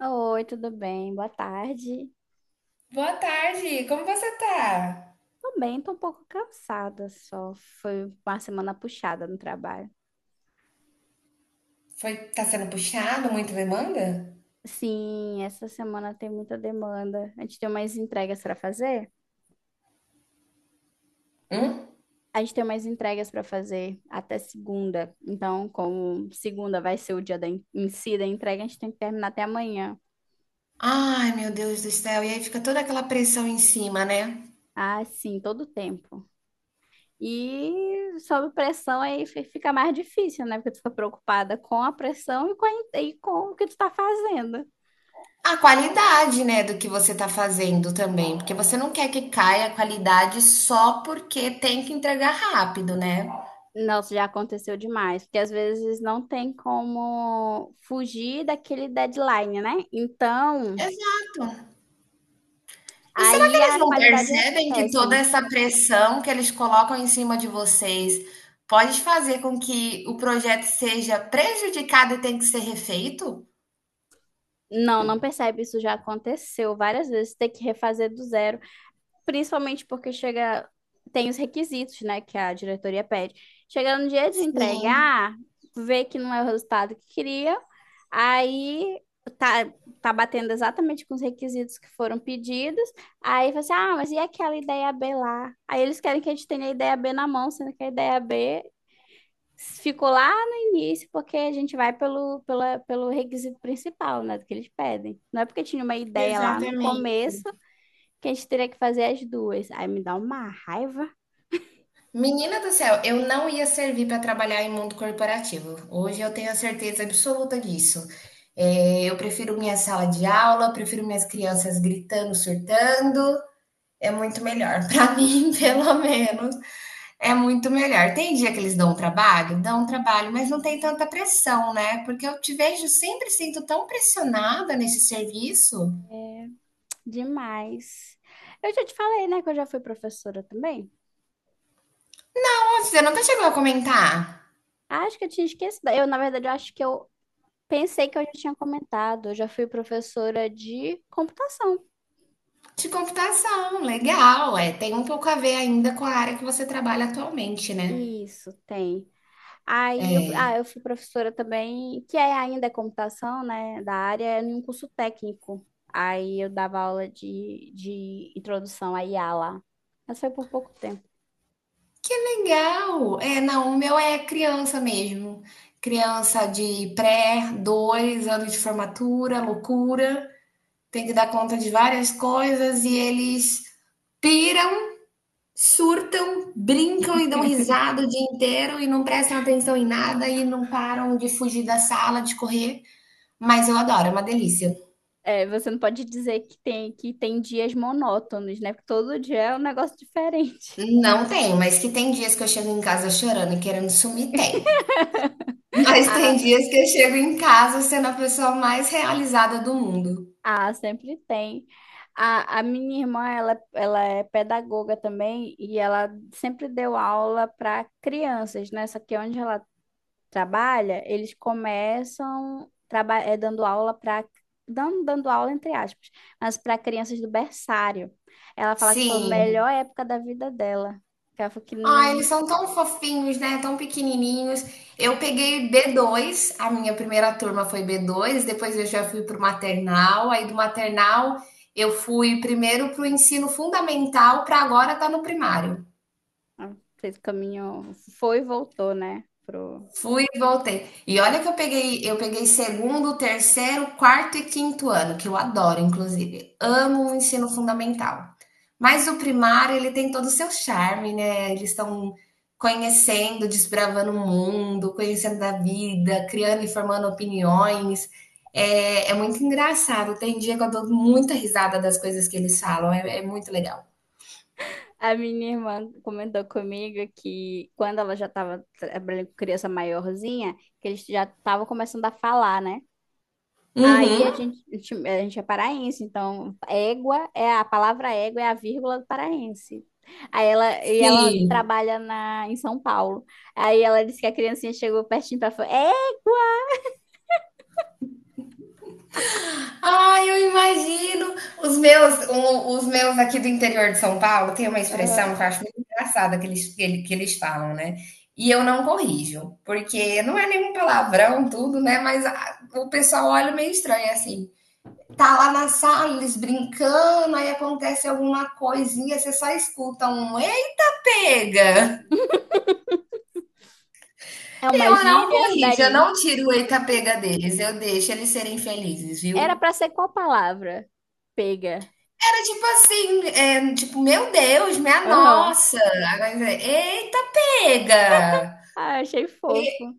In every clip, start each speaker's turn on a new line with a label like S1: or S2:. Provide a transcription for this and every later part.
S1: Oi, tudo bem? Boa tarde.
S2: Boa tarde, como você tá?
S1: Tô bem, tô um pouco cansada só. Foi uma semana puxada no trabalho.
S2: Foi, tá sendo puxado, muita demanda?
S1: Sim, essa semana tem muita demanda. A gente tem umas entregas para fazer?
S2: Hum?
S1: A gente tem umas entregas para fazer até segunda. Então, como segunda vai ser o dia da, em si da entrega, a gente tem que terminar até amanhã.
S2: Ai, meu Deus do céu, e aí fica toda aquela pressão em cima, né?
S1: Ah, sim, todo o tempo. E sob pressão fica mais difícil, né? Porque tu fica preocupada com a pressão e com, e com o que tu tá fazendo.
S2: A qualidade, né, do que você tá fazendo também, porque você não quer que caia a qualidade só porque tem que entregar rápido, né?
S1: Nossa, já aconteceu demais, porque às vezes não tem como fugir daquele deadline, né? Então,
S2: Exato. E será que
S1: aí
S2: eles
S1: a
S2: não
S1: qualidade é
S2: percebem que toda
S1: péssima.
S2: essa pressão que eles colocam em cima de vocês pode fazer com que o projeto seja prejudicado e tenha que ser refeito?
S1: Não, não percebe, isso já aconteceu várias vezes, ter que refazer do zero. Principalmente porque chega, tem os requisitos, né, que a diretoria pede. Chega no dia de
S2: Sim.
S1: entregar, vê que não é o resultado que queria, aí tá, tá batendo exatamente com os requisitos que foram pedidos, aí fala assim, ah, mas e aquela ideia B lá? Aí eles querem que a gente tenha a ideia B na mão, sendo que a ideia B ficou lá no início, porque a gente vai pelo requisito principal, né, do que eles pedem. Não é porque tinha uma ideia lá no
S2: Exatamente.
S1: começo que a gente teria que fazer as duas. Aí me dá uma raiva.
S2: Menina do céu, eu não ia servir para trabalhar em mundo corporativo. Hoje eu tenho a certeza absoluta disso. É, eu prefiro minha sala de aula, prefiro minhas crianças gritando, surtando. É muito melhor. Para mim,
S1: Uhum.
S2: pelo menos, é muito melhor. Tem dia que eles dão um trabalho? Dão um trabalho, mas não tem
S1: Uhum.
S2: tanta pressão, né? Porque eu te vejo sempre sinto tão pressionada nesse serviço.
S1: Demais. Eu já te falei, né, que eu já fui professora também.
S2: Nossa, você nunca chegou a comentar.
S1: Acho que eu tinha esquecido. Eu, na verdade, eu acho que eu pensei que eu já tinha comentado. Eu já fui professora de computação.
S2: De computação, legal. É, tem um pouco a ver ainda com a área que você trabalha atualmente, né?
S1: Isso, tem. Aí eu, ah, eu fui professora também, que é ainda é computação, né, da área, em um curso técnico. Aí eu dava aula de introdução à I a lá. Mas foi por pouco tempo.
S2: Que legal! É, não, o meu é criança mesmo. Criança de pré, dois anos de formatura, loucura. Tem que dar conta de várias coisas e eles piram, surtam, brincam e dão risada o dia inteiro e não prestam atenção em nada e não param de fugir da sala, de correr. Mas eu adoro, é uma delícia.
S1: É, você não pode dizer que que tem dias monótonos, né? Porque todo dia é um negócio diferente.
S2: Não tenho, mas que tem dias que eu chego em casa chorando e querendo sumir, tem. Mas tem
S1: Ah,
S2: dias que eu chego em casa sendo a pessoa mais realizada do mundo.
S1: ah, sempre tem. A minha irmã, ela é pedagoga também e ela sempre deu aula para crianças, né? Só que onde ela trabalha, eles dando aula para dando aula entre aspas, mas para crianças do berçário. Ela fala que foi a
S2: Sim.
S1: melhor época da vida dela. Que ela falou que
S2: Ah, eles são tão fofinhos, né? Tão pequenininhos. Eu peguei b dois. A minha primeira turma foi b dois. Depois eu já fui para o maternal, aí do maternal eu fui primeiro para o ensino fundamental, para agora tá no primário.
S1: ela fez o caminho, foi e voltou, né?
S2: Fui e voltei. E olha que eu peguei segundo, terceiro, quarto e quinto ano, que eu adoro, inclusive. Amo o ensino fundamental. Mas o primário, ele tem todo o seu charme, né? Eles estão conhecendo, desbravando o mundo, conhecendo a vida, criando e formando opiniões. É, é muito engraçado. Tem dia que eu dou muita risada das coisas que eles falam. É, é muito legal.
S1: A minha irmã comentou comigo que quando ela já estava trabalhando com criança maiorzinha, que eles já estavam começando a falar, né? Aí a
S2: Uhum.
S1: gente, a gente A gente é paraense, então égua é a palavra, égua é a vírgula do paraense. Aí ela, e ela
S2: Sim.
S1: trabalha em São Paulo. Aí ela disse que a criancinha chegou pertinho para falar, é,
S2: Ah, eu imagino. Os meus, os meus aqui do interior de São Paulo tem uma
S1: aham,
S2: expressão que eu acho muito engraçada que eles, que eles falam, né? E eu não corrijo, porque não é nenhum palavrão, tudo, né? Mas o pessoal olha meio estranho assim. Tá lá na sala, eles brincando, aí acontece alguma coisinha, você só escuta um eita pega.
S1: é uma
S2: Eu não
S1: gíria,
S2: corrijo, eu
S1: daí.
S2: não tiro o eita pega deles, eu deixo eles serem felizes,
S1: Era
S2: viu?
S1: para ser qual palavra? Pega.
S2: Era tipo assim, é, tipo, meu Deus, minha
S1: Aham.
S2: nossa. Agora, eita, pega!
S1: Ah, achei fofo.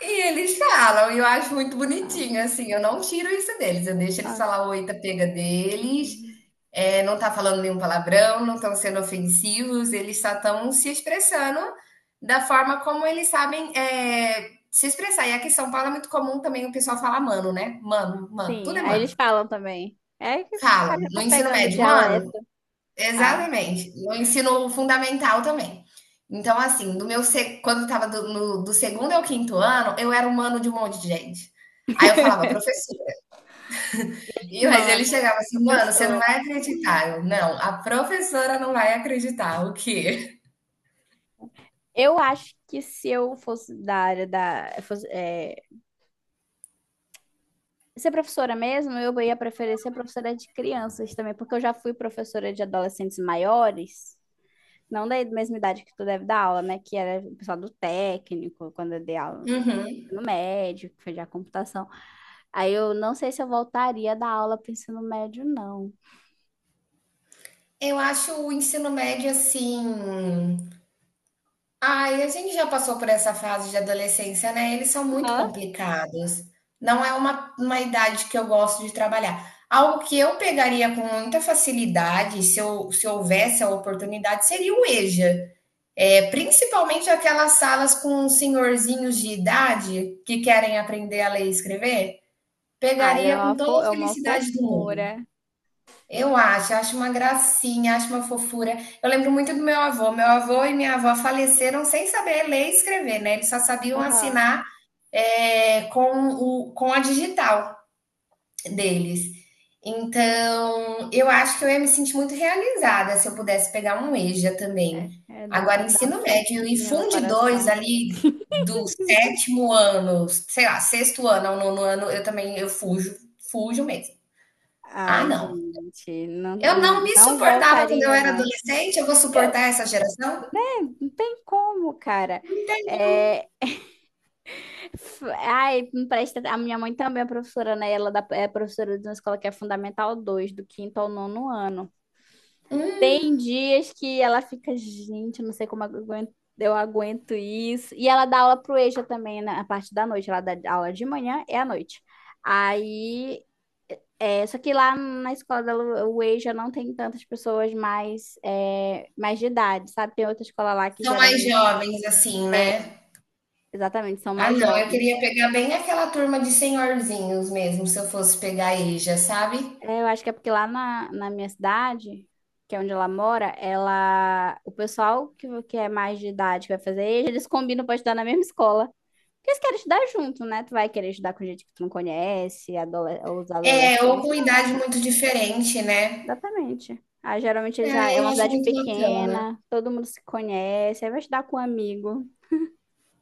S2: E eles falam, e eu acho muito bonitinho,
S1: Ah,
S2: assim, eu não tiro isso deles, eu deixo eles
S1: ah,
S2: falar o eita, pega deles,
S1: uhum.
S2: é, não tá falando nenhum palavrão, não estão sendo ofensivos, eles só estão se expressando da forma como eles sabem é, se expressar. E aqui em São Paulo é muito comum também o pessoal falar mano, né? Mano, mano, tudo
S1: Sim,
S2: é
S1: aí
S2: mano.
S1: eles falam também. É que
S2: Falam,
S1: já
S2: no
S1: tá
S2: ensino
S1: pegando o
S2: médio,
S1: dialeto.
S2: mano.
S1: Ah,
S2: Exatamente. E o ensino fundamental também. Então, assim, do meu se- quando estava do, no- do segundo ao quinto ano, eu era um mano de um monte de gente. Aí eu falava, professora. E mas ele
S1: mano,
S2: chegava assim, mano, você não
S1: professora.
S2: vai acreditar. Eu, não, a professora não vai acreditar. O quê?
S1: Eu acho que se eu fosse da área da. Fosse, é, ser professora mesmo, eu ia preferir ser professora de crianças também, porque eu já fui professora de adolescentes maiores, não da mesma idade que tu deve dar aula, né? Que era o pessoal do técnico, quando eu dei aula
S2: Uhum.
S1: no médio, que foi de computação. Aí eu não sei se eu voltaria da aula para ensino médio, não.
S2: Eu acho o ensino médio assim. Ai, a gente já passou por essa fase de adolescência, né, eles são muito
S1: Hã?
S2: complicados. Não é uma idade que eu gosto de trabalhar. Algo que eu pegaria com muita facilidade, se houvesse a oportunidade, seria o EJA. É, principalmente aquelas salas com senhorzinhos de idade que querem aprender a ler e escrever,
S1: Ah, é
S2: pegaria com
S1: uma,
S2: toda a
S1: é uma
S2: felicidade do mundo.
S1: fofura.
S2: Eu acho, acho uma gracinha, acho uma fofura. Eu lembro muito do meu avô. Meu avô e minha avó faleceram sem saber ler e escrever, né? Eles só sabiam
S1: Aham.
S2: assinar é, com, o, com a digital deles. Então, eu acho que eu ia me sentir muito realizada se eu pudesse pegar um EJA também.
S1: É,
S2: Agora,
S1: dá um
S2: ensino médio e
S1: quentinho no
S2: funde dois
S1: coração.
S2: ali do sétimo ano, sei lá, sexto ano ao nono ano, eu fujo, fujo mesmo. Ah,
S1: Ai,
S2: não.
S1: gente, não,
S2: Eu não
S1: não,
S2: me
S1: não
S2: suportava quando eu
S1: voltaria,
S2: era
S1: não.
S2: adolescente, eu vou
S1: Eu-
S2: suportar essa geração?
S1: Não tem como, cara.
S2: Não entendo.
S1: É, ai, me presta, a minha mãe também é professora, né? É professora de uma escola que é Fundamental 2 do quinto ao nono ano.
S2: Hum,
S1: Tem dias que ela fica, gente, eu não sei como eu aguento isso. E ela dá aula pro EJA também na parte da noite. Ela dá aula de manhã e à noite. Aí, é, só que lá na escola dela, o EJA não tem tantas pessoas mais, é, mais de idade, sabe? Tem outra escola lá que
S2: são mais
S1: geralmente,
S2: jovens, assim,
S1: é,
S2: né.
S1: exatamente, são
S2: Ah
S1: mais
S2: não, eu queria
S1: jovens.
S2: pegar bem aquela turma de senhorzinhos mesmo, se eu fosse pegar aí, já sabe.
S1: É, eu acho que é porque na minha cidade, que é onde ela mora, ela, o pessoal que é mais de idade que vai fazer EJA, eles combinam para estudar na mesma escola. Porque eles querem estudar junto, né? Tu vai querer estudar com gente que tu não conhece, os
S2: É, ou
S1: adolescentes.
S2: com idade muito diferente, né.
S1: Exatamente. Ah, geralmente já é
S2: É, eu
S1: uma
S2: acho
S1: cidade
S2: muito bacana.
S1: pequena, todo mundo se conhece, aí vai estudar com um amigo.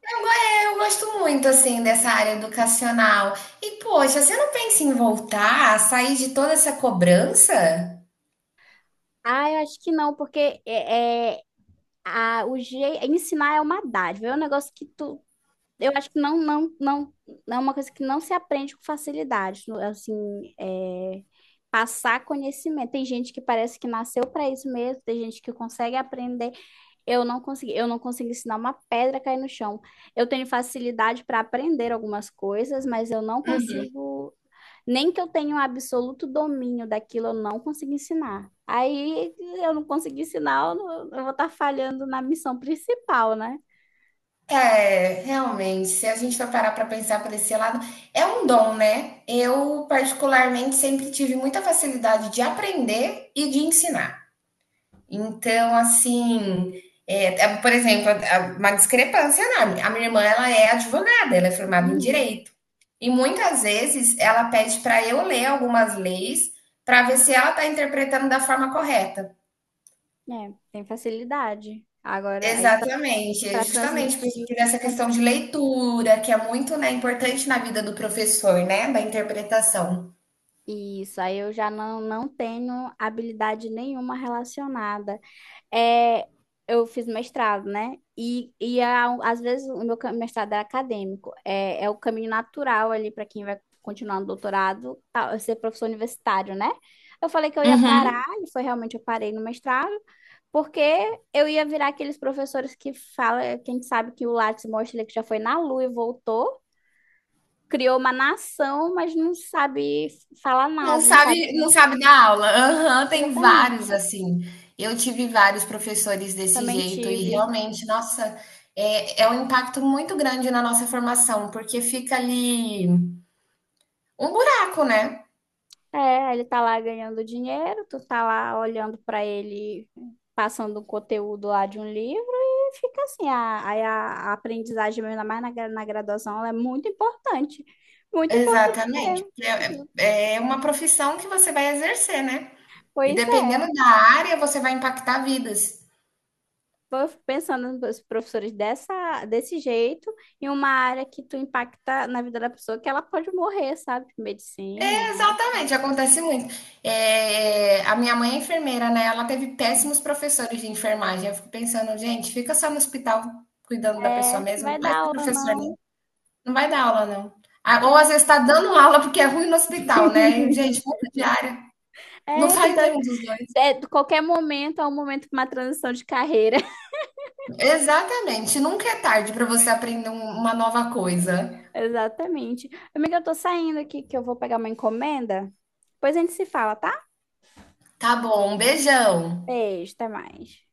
S2: Eu gosto muito, assim, dessa área educacional. E poxa, você não pensa em voltar, sair de toda essa cobrança?
S1: Ah, eu acho que não, porque a, o je, ensinar é uma dádiva, é um negócio que tu. Eu acho que não, não é uma coisa que não se aprende com facilidade. Assim, é, passar conhecimento. Tem gente que parece que nasceu para isso mesmo, tem gente que consegue aprender. Eu não consigo ensinar uma pedra a cair no chão. Eu tenho facilidade para aprender algumas coisas, mas eu não consigo, nem que eu tenha um absoluto domínio daquilo, eu não consigo ensinar. Aí eu não consigo ensinar, eu, não- Eu vou estar falhando na missão principal, né?
S2: É, realmente, se a gente for parar para pensar por esse lado, é um dom, né? Eu, particularmente, sempre tive muita facilidade de aprender e de ensinar. Então, assim, por exemplo, uma discrepância enorme. A minha irmã, ela é advogada, ela é formada em
S1: Uhum.
S2: direito. E muitas vezes ela pede para eu ler algumas leis para ver se ela está interpretando da forma correta.
S1: É, tem facilidade. Agora, aí
S2: Exatamente, é
S1: para
S2: justamente por
S1: transmitir.
S2: isso que nessa questão de leitura, que é muito, né, importante na vida do professor, né, da interpretação.
S1: Isso, aí eu já não, não tenho habilidade nenhuma relacionada. É, eu fiz mestrado, né? Às vezes o meu mestrado é acadêmico, é o caminho natural ali para quem vai continuar no doutorado, tá, ser professor universitário, né? Eu falei que eu ia parar,
S2: Uhum.
S1: e foi realmente, eu parei no mestrado, porque eu ia virar aqueles professores que fala, quem sabe, que o Lattes mostra, ele que já foi na Lua e voltou, criou uma nação, mas não sabe falar nada, não sabe como.
S2: Não sabe dar aula. Aham, tem vários
S1: Exatamente.
S2: assim. Eu tive vários professores desse
S1: Também
S2: jeito e
S1: tive.
S2: realmente, nossa, é um impacto muito grande na nossa formação, porque fica ali um buraco, né.
S1: É, ele tá lá ganhando dinheiro, tu tá lá olhando pra ele, passando um conteúdo lá de um livro e fica assim, a aprendizagem, mesmo, ainda mais na graduação, ela é muito importante
S2: Exatamente,
S1: mesmo.
S2: é uma profissão que você vai exercer, né. E
S1: Pois é,
S2: dependendo da área, você vai impactar vidas.
S1: eu fico pensando nos professores desse jeito, em uma área que tu impacta na vida da pessoa, que ela pode morrer, sabe? Tipo, Medicina, tá?
S2: Exatamente, acontece muito. É, a minha mãe é enfermeira, né? Ela teve péssimos professores de enfermagem. Eu fico pensando, gente, fica só no hospital cuidando da pessoa
S1: É,
S2: mesmo, não
S1: vai
S2: vai
S1: dar
S2: ser
S1: aula,
S2: professor,
S1: não.
S2: não. Não vai dar aula, não. Ah, ou às
S1: É,
S2: vezes está dando aula porque é ruim no hospital, né? E, gente, muda de área. Não
S1: é, tem
S2: faz nenhum dos dois.
S1: é, de qualquer momento é um momento para uma transição de carreira.
S2: Exatamente, nunca é tarde para você aprender uma nova coisa.
S1: Exatamente. Amiga, eu tô saindo aqui que eu vou pegar uma encomenda. Depois a gente se fala, tá?
S2: Tá bom, um beijão.
S1: Beijo, até mais.